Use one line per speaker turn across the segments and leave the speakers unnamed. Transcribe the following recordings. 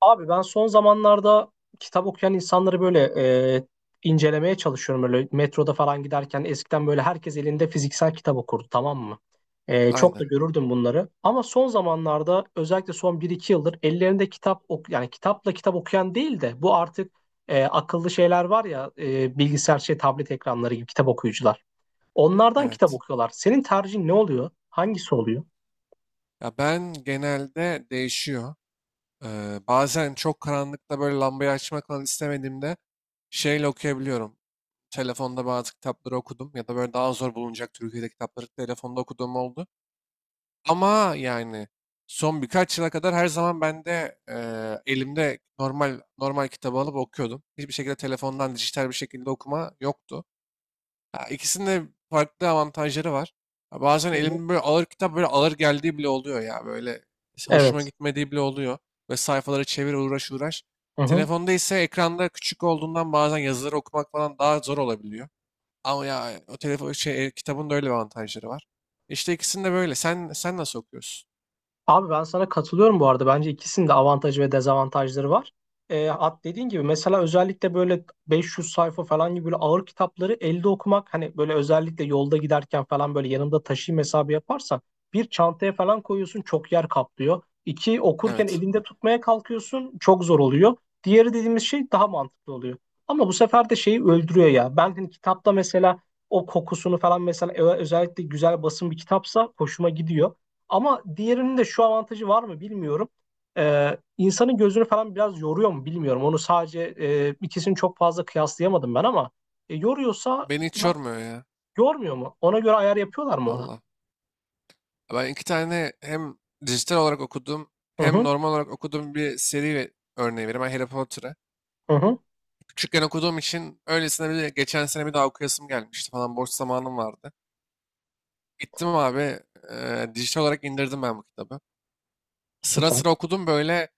Abi ben son zamanlarda kitap okuyan insanları böyle e, incelemeye çalışıyorum. Böyle metroda falan giderken eskiden böyle herkes elinde fiziksel kitap okurdu, tamam mı? Çok da
Aynen.
görürdüm bunları. Ama son zamanlarda özellikle son bir iki yıldır ellerinde kitap ok yani kitapla kitap okuyan değil de bu artık akıllı şeyler var ya, bilgisayar şey tablet ekranları gibi kitap okuyucular. Onlardan kitap
Evet.
okuyorlar. Senin tercihin ne oluyor? Hangisi oluyor?
Ya ben genelde değişiyor. Bazen çok karanlıkta böyle lambayı açmak falan istemediğimde şeyle okuyabiliyorum. Telefonda bazı kitapları okudum ya da böyle daha zor bulunacak Türkiye'de kitapları telefonda okuduğum oldu. Ama yani son birkaç yıla kadar her zaman ben de elimde normal normal kitabı alıp okuyordum. Hiçbir şekilde telefondan dijital bir şekilde okuma yoktu. Ya ikisinin de farklı avantajları var. Ya bazen
Evet.
elimde böyle ağır kitap böyle ağır geldiği bile oluyor ya. Böyle hoşuma
Evet.
gitmediği bile oluyor. Ve sayfaları çevir, uğraş uğraş.
Hı hı.
Telefonda ise ekranda küçük olduğundan bazen yazıları okumak falan daha zor olabiliyor. Ama ya o telefon şey, kitabın da öyle bir avantajları var. İşte ikisini de böyle. Sen nasıl okuyorsun?
Abi ben sana katılıyorum bu arada. Bence ikisinin de avantajı ve dezavantajları var. At dediğin gibi mesela özellikle böyle 500 sayfa falan gibi böyle ağır kitapları elde okumak, hani böyle özellikle yolda giderken falan böyle yanımda taşıyayım hesabı yaparsan bir çantaya falan koyuyorsun, çok yer kaplıyor. İki, okurken
Evet.
elinde tutmaya kalkıyorsun, çok zor oluyor. Diğeri dediğimiz şey daha mantıklı oluyor. Ama bu sefer de şeyi öldürüyor ya. Ben hani kitapta mesela o kokusunu falan mesela özellikle güzel basın bir kitapsa hoşuma gidiyor. Ama diğerinin de şu avantajı var mı bilmiyorum. İnsanın gözünü falan biraz yoruyor mu bilmiyorum. Onu sadece ikisini çok fazla kıyaslayamadım ben, ama yoruyorsa,
Beni hiç yormuyor ya.
yormuyor mu? Ona göre ayar yapıyorlar mı ona?
Valla. Ben iki tane hem dijital olarak okudum
Hı
hem
hı,
normal olarak okuduğum bir seri ve örneği vereyim. Ben Harry Potter'ı.
hı hı,
Küçükken okuduğum için öylesine bir geçen sene bir daha okuyasım gelmişti falan, boş zamanım vardı. Gittim abi, dijital olarak indirdim ben bu kitabı. Sıra
süper.
sıra okudum böyle,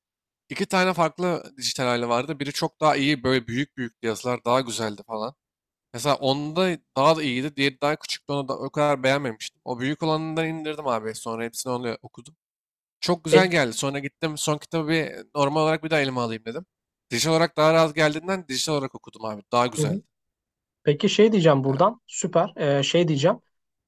iki tane farklı dijital hali vardı. Biri çok daha iyi, böyle büyük büyük yazılar daha güzeldi falan. Mesela onda daha da iyiydi. Diğeri daha küçüktü, onu da o kadar beğenmemiştim. O büyük olanından indirdim abi, sonra hepsini onu okudum. Çok
E,
güzel geldi. Sonra gittim son kitabı bir normal olarak bir daha elime alayım dedim. Dijital olarak daha rahat geldiğinden dijital olarak okudum abi. Daha
hı hı.
güzeldi.
Peki şey diyeceğim
Ya,
buradan, süper. Şey diyeceğim.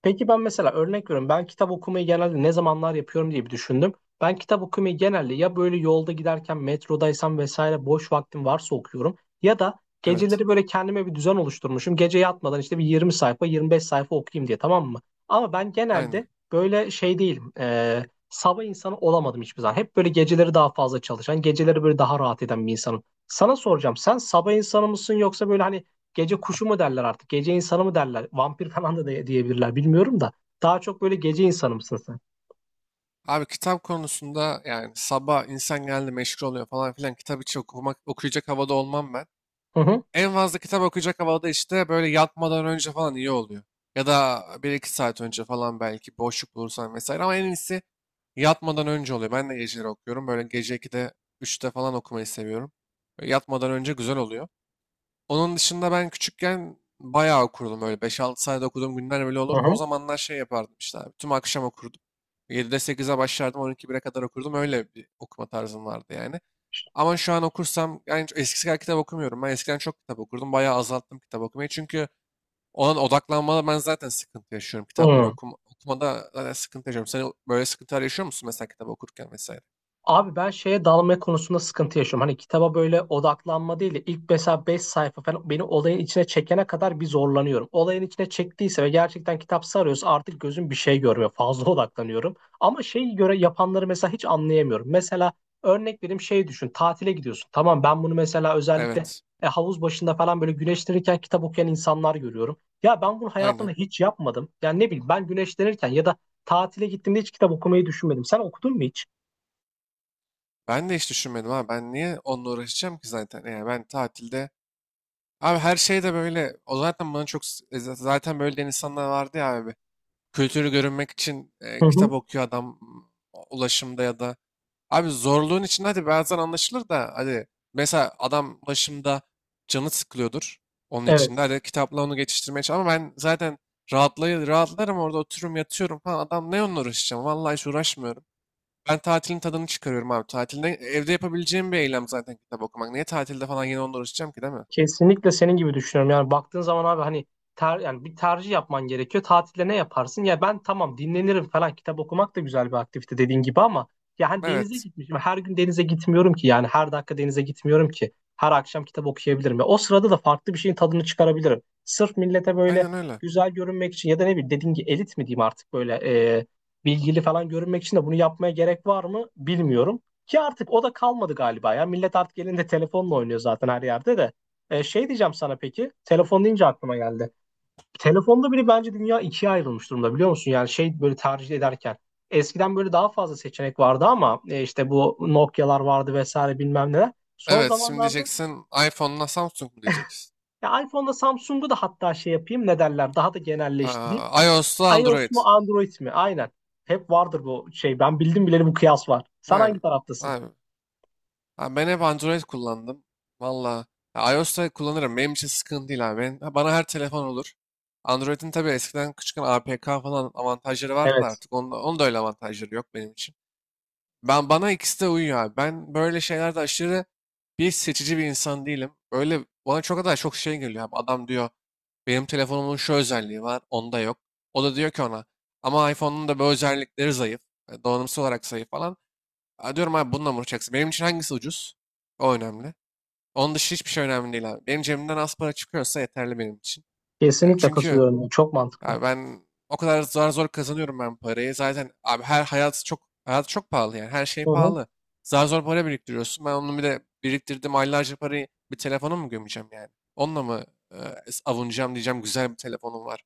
Peki ben mesela örnek veriyorum, ben kitap okumayı genelde ne zamanlar yapıyorum diye bir düşündüm. Ben kitap okumayı genelde ya böyle yolda giderken, metrodaysam vesaire boş vaktim varsa okuyorum. Ya da
evet.
geceleri böyle kendime bir düzen oluşturmuşum. Gece yatmadan işte bir 20 sayfa, 25 sayfa okuyayım diye, tamam mı? Ama ben
Aynen.
genelde böyle şey değilim. Sabah insanı olamadım hiçbir zaman. Hep böyle geceleri daha fazla çalışan, geceleri böyle daha rahat eden bir insanım. Sana soracağım, sen sabah insanı mısın yoksa böyle hani gece kuşu mu derler artık? Gece insanı mı derler? Vampir falan da diyebilirler, bilmiyorum da. Daha çok böyle gece insanı mısın sen?
Abi kitap konusunda yani sabah insan geldi meşgul oluyor falan filan, kitap hiç okumak, okuyacak havada olmam ben.
Hı hı.
En fazla kitap okuyacak havada işte böyle yatmadan önce falan iyi oluyor. Ya da bir iki saat önce falan belki boşluk bulursan vesaire ama en iyisi yatmadan önce oluyor. Ben de geceleri okuyorum. Böyle gece 2'de, üçte falan okumayı seviyorum. Böyle yatmadan önce güzel oluyor. Onun dışında ben küçükken bayağı okurdum öyle. Beş altı sayede okuduğum günler bile
Hı
olurdu. O
hı.
zamanlar şey yapardım işte abi. Tüm akşam okurdum. 7'de sekize başlardım. 12 1'e kadar okurdum. Öyle bir okuma tarzım vardı yani. Ama şu an okursam yani eskisi kadar kitap okumuyorum. Ben eskiden çok kitap okurdum. Bayağı azalttım kitap okumayı. Çünkü olan odaklanmada ben zaten sıkıntı yaşıyorum. Kitapları
Hı.
okumada zaten sıkıntı yaşıyorum. Sen böyle sıkıntılar yaşıyor musun mesela kitap okurken vesaire?
Abi ben şeye, dalma konusunda sıkıntı yaşıyorum. Hani kitaba böyle odaklanma değil de ilk mesela 5 sayfa falan beni olayın içine çekene kadar bir zorlanıyorum. Olayın içine çektiyse ve gerçekten kitap sarıyorsa artık gözüm bir şey görmüyor. Fazla odaklanıyorum. Ama şeyi göre yapanları mesela hiç anlayamıyorum. Mesela örnek vereyim, şey düşün. Tatile gidiyorsun. Tamam, ben bunu mesela özellikle
Evet.
havuz başında falan böyle güneşlenirken kitap okuyan insanlar görüyorum. Ya ben bunu hayatımda
Aynen.
hiç yapmadım. Yani ne bileyim, ben güneşlenirken ya da tatile gittiğimde hiç kitap okumayı düşünmedim. Sen okudun mu hiç?
Ben de hiç düşünmedim ha. Ben niye onunla uğraşacağım ki zaten? Yani ben tatilde. Abi her şey de böyle. O zaten bana çok zaten böyle diyen insanlar vardı ya abi. Kültürü görünmek için
Hı hı.
kitap okuyor adam, ulaşımda ya da. Abi zorluğun içinde hadi bazen anlaşılır da, hadi mesela adam ulaşımda canı sıkılıyordur, onun içinde
Evet.
hadi kitapla onu geçiştirmeye çalış. Ama ben zaten rahatlarım, orada otururum, yatıyorum falan. Adam ne onunla uğraşacağım? Vallahi hiç uğraşmıyorum. Ben tatilin tadını çıkarıyorum abi. Tatilde evde yapabileceğim bir eylem zaten kitap okumak. Niye tatilde falan yine onunla uğraşacağım ki değil mi?
Kesinlikle senin gibi düşünüyorum. Yani baktığın zaman abi, hani yani bir tercih yapman gerekiyor. Tatilde ne yaparsın? Ya ben, tamam, dinlenirim falan. Kitap okumak da güzel bir aktivite dediğin gibi, ama ya hani denize
Evet.
gitmişim. Her gün denize gitmiyorum ki. Yani her dakika denize gitmiyorum ki. Her akşam kitap okuyabilirim. Ve o sırada da farklı bir şeyin tadını çıkarabilirim. Sırf millete böyle
Aynen öyle.
güzel görünmek için, ya da ne bileyim dediğin gibi elit mi diyeyim artık, böyle e, bilgili falan görünmek için de bunu yapmaya gerek var mı bilmiyorum. Ki artık o da kalmadı galiba ya. Millet artık elinde telefonla oynuyor zaten her yerde de. Şey diyeceğim sana peki. Telefon deyince aklıma geldi. Telefonda bile bence dünya ikiye ayrılmış durumda, biliyor musun? Yani şey, böyle tercih ederken. Eskiden böyle daha fazla seçenek vardı ama, işte bu Nokia'lar vardı vesaire bilmem neler. Son
Evet, şimdi
zamanlarda
diyeceksin iPhone'la Samsung mu diyeceksin?
ya iPhone'da Samsung'u da, hatta şey yapayım, ne derler, daha da genelleştireyim.
Aa, iOS'la
iOS
Android.
mu Android mi? Aynen. Hep vardır bu şey. Ben bildim bileli bu kıyas var. Sen
Abi,
hangi taraftasın?
abi, abi, ben hep Android kullandım. Valla. Ya iOS'ta kullanırım. Benim için sıkıntı değil abi. Bana her telefon olur. Android'in tabii eskiden küçükken APK falan avantajları vardı da,
Evet.
artık onda, öyle avantajları yok benim için. Ben, bana ikisi de uyuyor abi. Ben böyle şeylerde aşırı bir seçici bir insan değilim. Böyle bana çok kadar çok şey geliyor abi. Adam diyor benim telefonumun şu özelliği var, onda yok. O da diyor ki ona ama iPhone'un da bu özellikleri zayıf. Donanımsal olarak zayıf falan. "Ha," diyorum abi, bununla mı uğraşacaksın? Benim için hangisi ucuz? O önemli. Onun dışı hiçbir şey önemli değil abi. Benim cebimden az para çıkıyorsa yeterli benim için. Yani
Kesinlikle
çünkü
katılıyorum. Çok mantıklı.
abi ben o kadar zor zor kazanıyorum ben parayı. Zaten abi, her hayat çok hayat çok pahalı yani. Her şey
Hı hı.
pahalı. Zar zor para biriktiriyorsun. Ben onu bir de biriktirdim aylarca parayı, bir telefona mı gömeceğim yani? Onunla mı e, avunacağım, diyeceğim güzel bir telefonum var.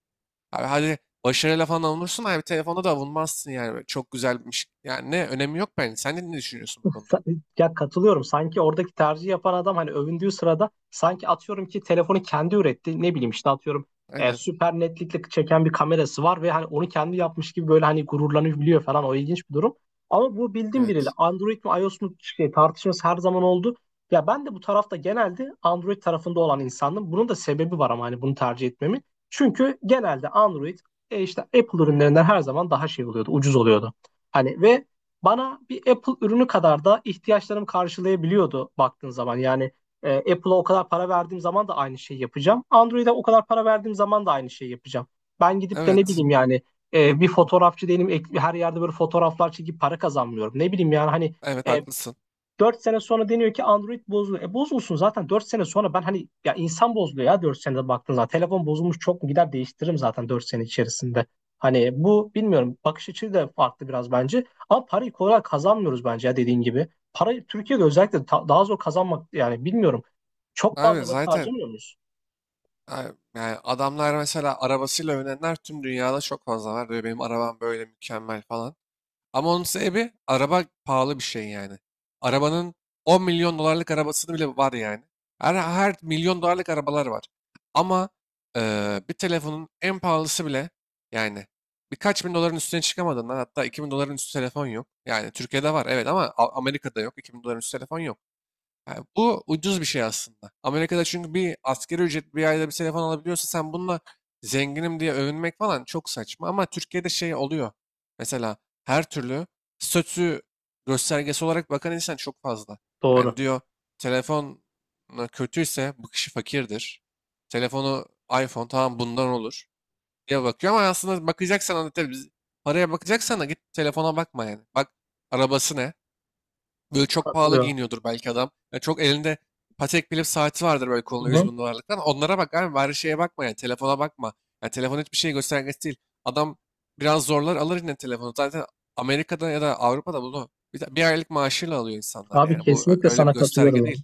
Abi hadi başarıyla falan avunursun abi, telefonda da avunmazsın yani. Böyle çok güzelmiş. Yani ne önemi yok bence. Sen de ne düşünüyorsun bu konuda?
Ya katılıyorum. Sanki oradaki tercih yapan adam, hani övündüğü sırada sanki atıyorum ki telefonu kendi üretti. Ne bileyim, işte atıyorum
Aynen.
süper netlikle çeken bir kamerası var ve hani onu kendi yapmış gibi böyle hani gururlanabiliyor falan. O ilginç bir durum. Ama bu, bildiğim biriyle
Evet.
Android mi iOS mu şey, tartışması her zaman oldu. Ya ben de bu tarafta, genelde Android tarafında olan insandım. Bunun da sebebi var ama, hani bunu tercih etmemin. Çünkü genelde Android işte Apple ürünlerinden her zaman daha şey oluyordu, ucuz oluyordu. Hani ve bana bir Apple ürünü kadar da ihtiyaçlarımı karşılayabiliyordu baktığın zaman. Yani Apple'a o kadar para verdiğim zaman da aynı şeyi yapacağım. Android'e o kadar para verdiğim zaman da aynı şeyi yapacağım. Ben gidip de ne
Evet.
bileyim yani, bir fotoğrafçı değilim. Her yerde böyle fotoğraflar çekip para kazanmıyorum. Ne bileyim yani, hani
Evet,
e,
haklısın.
4 sene sonra deniyor ki Android bozuluyor. E bozulsun zaten. 4 sene sonra ben, hani ya insan bozuluyor ya, 4 senede baktığın zaman. Telefon bozulmuş, çok mu, gider değiştiririm zaten 4 sene içerisinde. Hani bu, bilmiyorum, bakış açısı da farklı biraz bence. Ama parayı kolay kazanmıyoruz bence ya, dediğin gibi. Parayı Türkiye'de özellikle daha zor kazanmak, yani bilmiyorum. Çok
Abi
fazla vakit
zaten,
harcamıyor muyuz?
Yani adamlar mesela arabasıyla övünenler tüm dünyada çok fazla var. Diyor benim arabam böyle mükemmel falan. Ama onun sebebi araba pahalı bir şey yani. Arabanın 10 milyon dolarlık arabasını bile var yani. Her milyon dolarlık arabalar var. Ama bir telefonun en pahalısı bile yani birkaç bin doların üstüne çıkamadığından, hatta 2 bin doların üstü telefon yok. Yani Türkiye'de var, evet, ama Amerika'da yok. 2 bin doların üstü telefon yok. Yani bu ucuz bir şey aslında. Amerika'da çünkü bir asgari ücret, bir ayda bir telefon alabiliyorsa sen bununla zenginim diye övünmek falan çok saçma. Ama Türkiye'de şey oluyor. Mesela her türlü statü göstergesi olarak bakan insan çok fazla.
Doğru.
Yani diyor telefon kötüyse bu kişi fakirdir. Telefonu iPhone, tamam bundan olur diye bakıyor ama aslında bakacaksan hani, tabii paraya bakacaksan da git telefona bakma yani. Bak arabası ne? Böyle çok pahalı
Katılıyorum.
giyiniyordur belki adam. Ya çok elinde Patek Philippe saati vardır böyle
Hı
kolunda, 100
hı.
bin dolarlık. Onlara bak abi, bari şeye bakma yani, telefona bakma. Yani telefon hiçbir şey göstergesi değil. Adam biraz zorlar alır yine telefonu. Zaten Amerika'da ya da Avrupa'da bunu bir aylık maaşıyla alıyor insanlar
Abi
yani. Bu
kesinlikle
öyle bir
sana katılıyorum
gösterge
ya.
değil.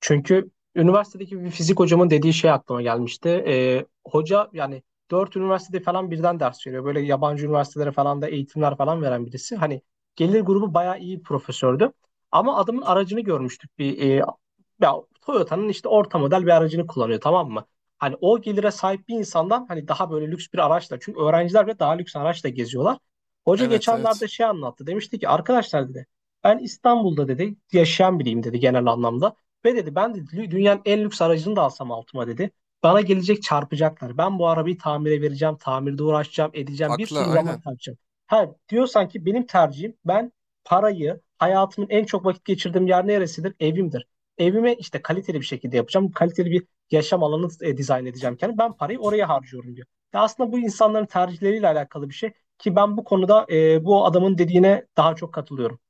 Çünkü üniversitedeki bir fizik hocamın dediği şey aklıma gelmişti. Hoca yani 4 üniversitede falan birden ders veriyor. Böyle yabancı üniversitelere falan da eğitimler falan veren birisi. Hani gelir grubu bayağı iyi bir profesördü. Ama adamın aracını görmüştük, bir ya Toyota'nın işte orta model bir aracını kullanıyor, tamam mı? Hani o gelire sahip bir insandan hani daha böyle lüks bir araçla, çünkü öğrenciler bile daha lüks araçla geziyorlar. Hoca
Evet, evet.
geçenlerde şey anlattı. Demişti ki, arkadaşlar dedi, ben İstanbul'da dedi yaşayan biriyim dedi, genel anlamda. Ve dedi, ben dedi dünyanın en lüks aracını da alsam altıma dedi. Bana gelecek çarpacaklar. Ben bu arabayı tamire vereceğim, tamirde uğraşacağım, edeceğim, bir
Haklı,
sürü zaman
aynen.
kaybedeceğim. Ha diyorsan ki benim tercihim, ben parayı hayatımın en çok vakit geçirdiğim yer neresidir? Evimdir. Evimi işte kaliteli bir şekilde yapacağım. Kaliteli bir yaşam alanı dizayn edeceğim kendim. Ben parayı oraya harcıyorum diyor. Ya aslında bu insanların tercihleriyle alakalı bir şey, ki ben bu konuda, bu adamın dediğine daha çok katılıyorum.